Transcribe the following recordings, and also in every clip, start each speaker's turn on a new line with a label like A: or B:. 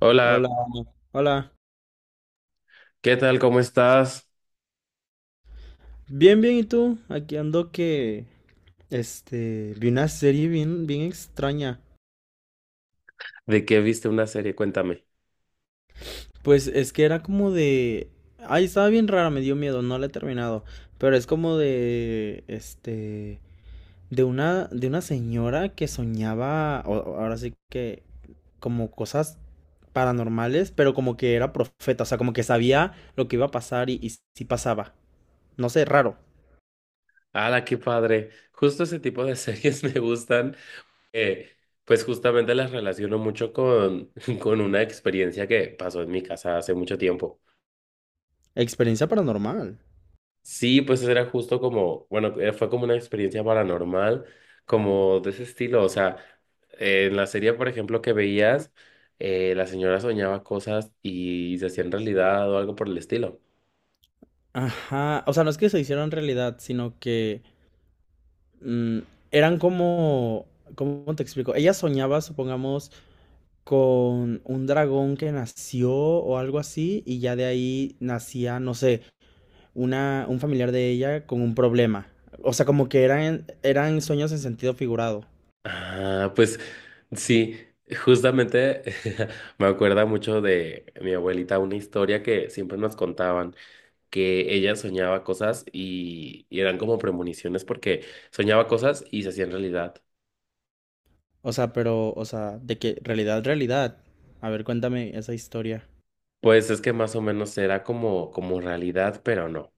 A: Hola,
B: Hola, hola.
A: ¿qué tal? ¿Cómo estás?
B: Bien, bien, ¿y tú? Aquí ando que, vi una serie bien extraña.
A: ¿De qué viste una serie? Cuéntame.
B: Pues es que era como Ay, estaba bien rara, me dio miedo, no la he terminado. Pero es como de, de una señora que soñaba, ahora sí que, como cosas paranormales, pero como que era profeta, o sea, como que sabía lo que iba a pasar y si pasaba. No sé, raro.
A: ¡Hala, qué padre! Justo ese tipo de series me gustan. eh, pues justamente las relaciono mucho con una experiencia que pasó en mi casa hace mucho tiempo.
B: Experiencia paranormal.
A: Sí, pues era justo como, bueno, fue como una experiencia paranormal, como de ese estilo. O sea, en la serie, por ejemplo, que veías, la señora soñaba cosas y se hacían realidad o algo por el estilo.
B: Ajá, o sea, no es que se hicieron realidad, sino que mm, eran como, ¿cómo te explico? Ella soñaba, supongamos, con un dragón que nació o algo así, y ya de ahí nacía, no sé, un familiar de ella con un problema. O sea, como que eran sueños en sentido figurado.
A: Ah, pues sí, justamente me acuerda mucho de mi abuelita, una historia que siempre nos contaban, que ella soñaba cosas y eran como premoniciones porque soñaba cosas y se hacían realidad.
B: O sea, pero, o sea, de que realidad, realidad. A ver, cuéntame esa historia.
A: Pues es que más o menos era como, como realidad, pero no.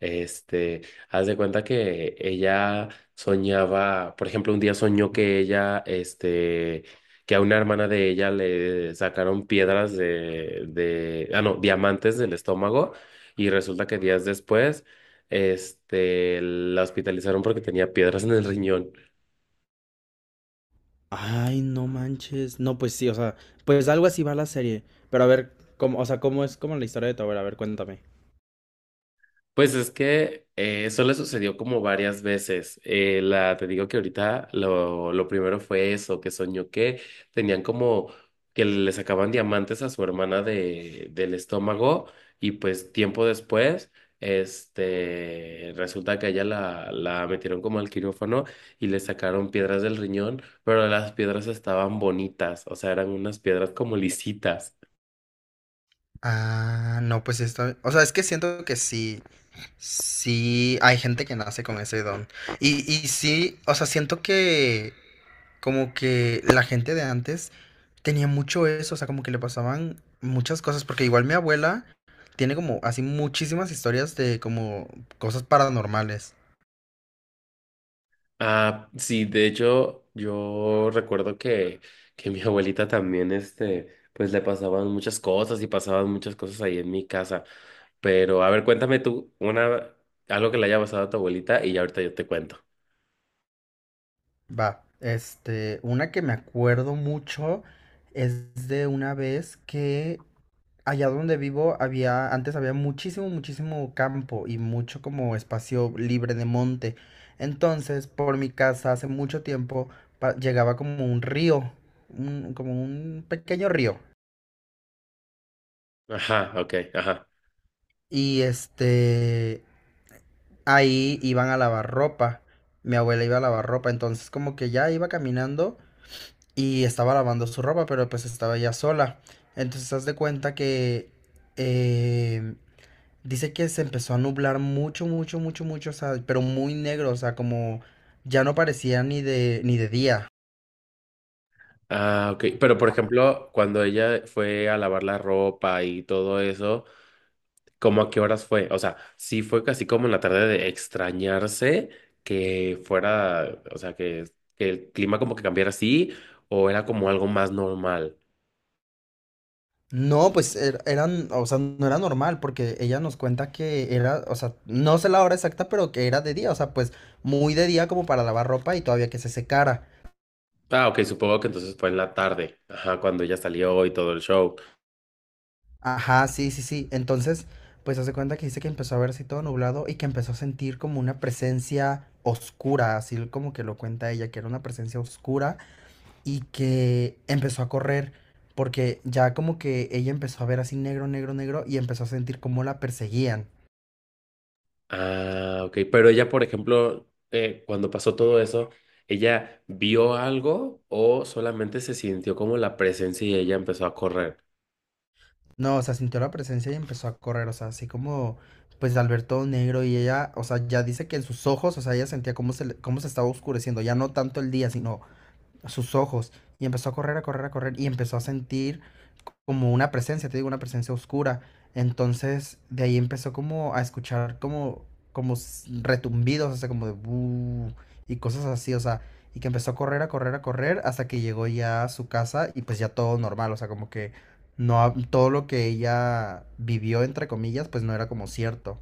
A: Este, haz de cuenta que ella soñaba, por ejemplo, un día soñó que ella, este, que a una hermana de ella le sacaron piedras de, ah, no, diamantes del estómago y resulta que días después, este, la hospitalizaron porque tenía piedras en el riñón.
B: Ay, no manches. No, pues sí, o sea, pues algo así va la serie. Pero a ver, cómo, o sea, cómo es como la historia de tu abuela, a ver, cuéntame.
A: Pues es que eso le sucedió como varias veces. Te digo que ahorita lo primero fue eso, que soñó que tenían como que le sacaban diamantes a su hermana del estómago y pues tiempo después, este, resulta que a ella la metieron como al quirófano y le sacaron piedras del riñón, pero las piedras estaban bonitas, o sea, eran unas piedras como lisitas.
B: Ah, no, pues esto, o sea, es que siento que sí, sí, hay gente que nace con ese don. Y sí, o sea, siento que como que la gente de antes tenía mucho eso, o sea, como que le pasaban muchas cosas, porque igual mi abuela tiene como así muchísimas historias de como cosas paranormales.
A: Ah, sí, de hecho, que mi abuelita también, este, pues le pasaban muchas cosas y pasaban muchas cosas ahí en mi casa. Pero, a ver, cuéntame tú una, algo que le haya pasado a tu abuelita y ya ahorita yo te cuento.
B: Va, este, una que me acuerdo mucho es de una vez que allá donde vivo había, antes había muchísimo campo y mucho como espacio monte. En mi campo pa- va como un río, como un pequeño río.
A: Ajá, ok, ajá.
B: Y este, ahí iban a lavar ropa. Mi abuela iba a lavar ropa, entonces como que ya iba caminando y estaba lavando su ropa, pero pues estaba ya sola. Entonces haz de cuenta que... em, Dice que se empezó a nublar mucho, o sea, pero muy negro, o sea, como ya no parecía ni ni de día.
A: Ah, ok. Pero, por ejemplo, cuando ella fue a lavar la ropa y todo eso, ¿cómo a qué horas fue? O sea, sí fue casi como en la tarde de extrañarse que fuera, o sea, que el clima como que cambiara así o era como algo más normal.
B: No, pues eran, o sea, no era normal, porque ella nos cuenta que era, o sea, no sé la hora exacta, pero que era de día, o sea, pues muy de día como para lavar ropa y todavía que se secara.
A: Ah, ok, supongo que entonces fue en la tarde, ajá, cuando ella salió y todo el show.
B: Ajá, sí, sí, sí. Entonces, pues hace cuenta que dice que empezó a verse todo nublado y que empezó a sentir como una presencia oscura, así como que lo cuenta ella, que era una presencia oscura y que empezó a correr porque ya como que ella empezó a ver así negro y empezó a sentir como la perseguían.
A: Ah, ok, pero ella, por ejemplo, cuando pasó todo eso, ¿ella vio algo o solamente se sintió como la presencia y ella empezó a correr?
B: No, o sea, sintió la presencia y empezó a correr, o sea, así como pues al ver todo negro y ella, o sea, ya dice que en sus ojos, o sea, ella sentía cómo se estaba oscureciendo, ya no tanto el día, sino a sus ojos y empezó a correr y empezó a sentir como una presencia, te digo, una presencia oscura. Entonces, de ahí empezó como a escuchar como, como retumbidos, o sea, como de "bu", y cosas así, o sea, y que empezó a correr hasta que llegó ya a su casa y pues ya todo normal, o sea, como que no, todo lo que ella vivió, entre comillas, pues no era como cierto.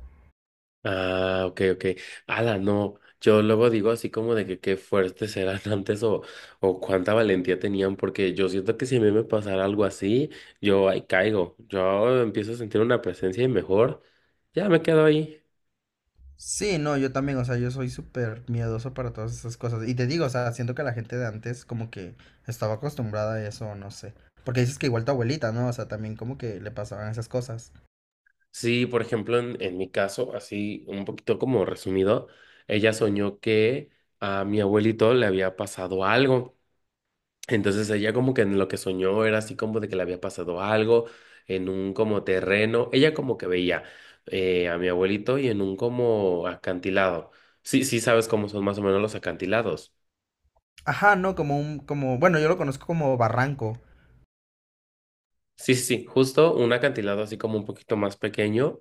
A: Ah, ok, ok. Ala, no. Yo luego digo así como de que qué fuertes eran antes o cuánta valentía tenían, porque yo siento que si a mí me pasara algo así, yo ahí caigo. Yo empiezo a sentir una presencia y mejor ya me quedo ahí.
B: Sí, no, yo también, o sea, yo soy súper miedoso para todas esas cosas. Y te digo, o sea, siento que la gente de antes como que estaba acostumbrada a eso, no sé. Porque dices que igual tu abuelita, ¿no? O sea, también como que le pasaban esas cosas.
A: Sí, por ejemplo, en mi caso, así un poquito como resumido, ella soñó que a mi abuelito le había pasado algo. Entonces ella como que en lo que soñó era así como de que le había pasado algo en un como terreno. Ella como que veía a mi abuelito y en un como acantilado. Sí, sí sabes cómo son más o menos los acantilados.
B: Ajá, no, como un, como, bueno, yo lo conozco como barranco.
A: Sí, sí, sí, justo un acantilado así como un poquito más pequeño.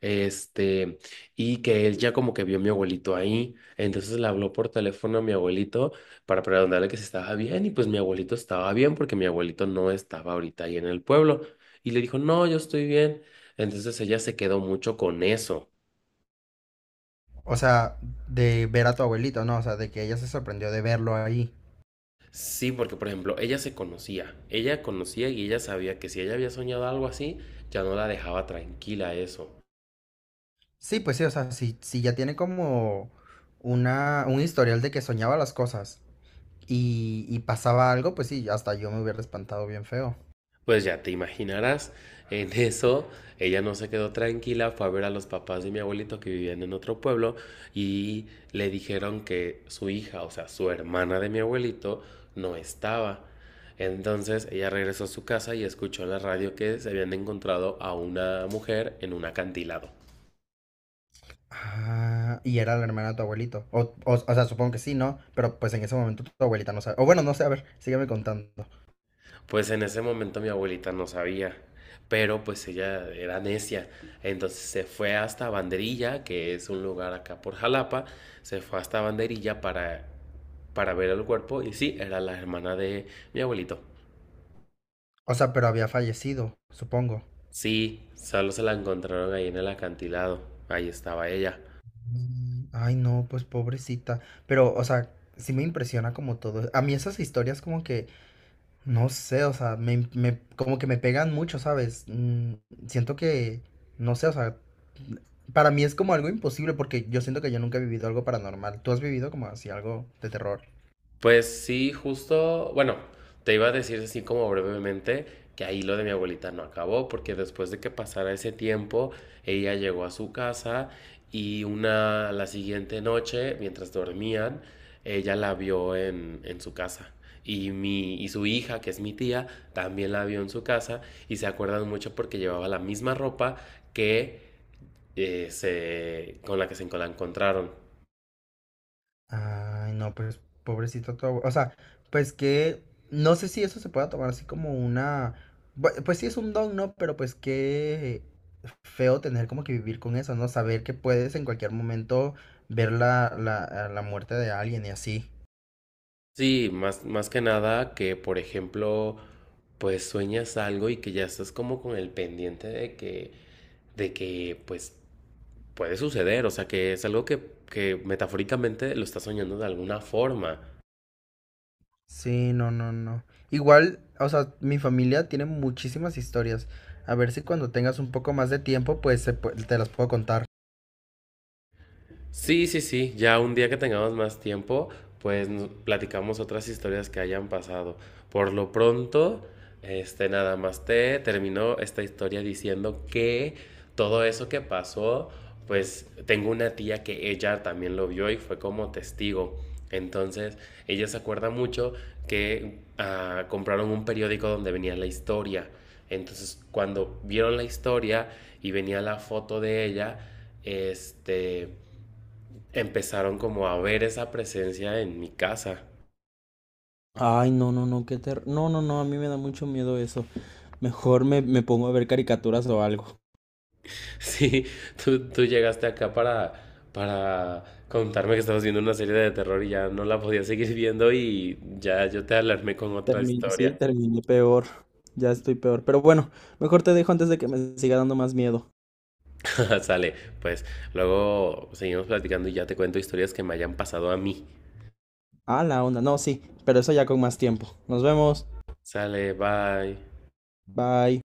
A: Este, y que él ya como que vio a mi abuelito ahí, entonces le habló por teléfono a mi abuelito para preguntarle que si estaba bien y pues mi abuelito estaba bien porque mi abuelito no estaba ahorita ahí en el pueblo y le dijo, no, yo estoy bien. Entonces ella se quedó mucho con eso.
B: O sea, de ver a tu abuelito, ¿no? O sea, de que ella se sorprendió de verlo ahí.
A: Sí, porque por ejemplo, ella se conocía, ella conocía y ella sabía que si ella había soñado algo así, ya no la dejaba tranquila eso.
B: Sí, pues sí, o sea, si ya tiene como una, un historial de que soñaba las cosas y pasaba algo, pues sí, hasta yo me hubiera espantado bien feo.
A: Pues ya te imaginarás, en eso ella no se quedó tranquila, fue a ver a los papás de mi abuelito que vivían en otro pueblo y le dijeron que su hija, o sea, su hermana de mi abuelito, no estaba. Entonces ella regresó a su casa y escuchó en la radio que se habían encontrado a una mujer en un acantilado.
B: Ah, y era la hermana de tu abuelito. O sea, supongo que sí, ¿no? Pero pues en ese momento tu abuelita no sabe. O bueno, no sé, a ver, sígueme contando.
A: Pues en ese momento mi abuelita no sabía, pero pues ella era necia. Entonces se fue hasta Banderilla, que es un lugar acá por Jalapa, se fue hasta Banderilla para ver el cuerpo y sí, era la hermana de mi abuelito.
B: O sea, pero había fallecido, supongo.
A: Sí, solo se la encontraron ahí en el acantilado, ahí estaba ella.
B: Mm, ay, no, pues pobrecita. Pero, o sea, sí me impresiona como todo. A mí esas historias como que, no sé, o sea, como que me pegan mucho, ¿sabes? Mm, siento que, no sé, o sea, para mí es como algo imposible porque yo siento que yo nunca he vivido algo paranormal. ¿Tú has vivido como así algo de terror?
A: Pues sí, justo, bueno, te iba a decir así como brevemente que ahí lo de mi abuelita no acabó, porque después de que pasara ese tiempo, ella llegó a su casa y la siguiente noche, mientras dormían, ella la vio en su casa. Y su hija, que es mi tía, también la vio en su casa y se acuerdan mucho porque llevaba la misma ropa que con la que se la encontraron.
B: Ay, no, pues pobrecito tu abuelo. O sea, pues que no sé si eso se pueda tomar así como una. Pues sí es un don, ¿no? Pero pues qué feo tener como que vivir con eso, ¿no? Saber que puedes en cualquier momento ver a la muerte de alguien y así.
A: Sí, más, más que nada que, por ejemplo, pues sueñas algo y que ya estás como con el pendiente de pues puede suceder, o sea, que es algo que metafóricamente lo estás soñando de alguna forma.
B: Sí, no, no, no. Igual, o sea, mi familia tiene muchísimas historias. A ver si cuando tengas un poco más de tiempo, pues te las puedo contar.
A: Sí, sí, sí, ya un día que tengamos más tiempo, pues nos platicamos otras historias que hayan pasado. Por lo pronto, este nada más te terminó esta historia diciendo que todo eso que pasó, pues tengo una tía que ella también lo vio y fue como testigo. Entonces, ella se acuerda mucho que compraron un periódico donde venía la historia. Entonces, cuando vieron la historia y venía la foto de ella, este empezaron como a ver esa presencia en mi casa.
B: Ay, no, no, no, qué no, no, no, a mí me da mucho miedo eso. Me pongo a ver caricaturas o algo.
A: Sí, tú llegaste acá para contarme que estabas viendo una serie de terror y ya no la podía seguir viendo y ya yo te alarmé con otra historia.
B: Sí, terminé peor. Ya estoy peor. Pero bueno, mejor te dejo antes de que me siga dando más miedo.
A: Sale, pues luego seguimos platicando y ya te cuento historias que me hayan pasado a mí.
B: Ah, la onda. No, sí, pero eso ya con más tiempo. Nos vemos.
A: Sale, bye.
B: Bye.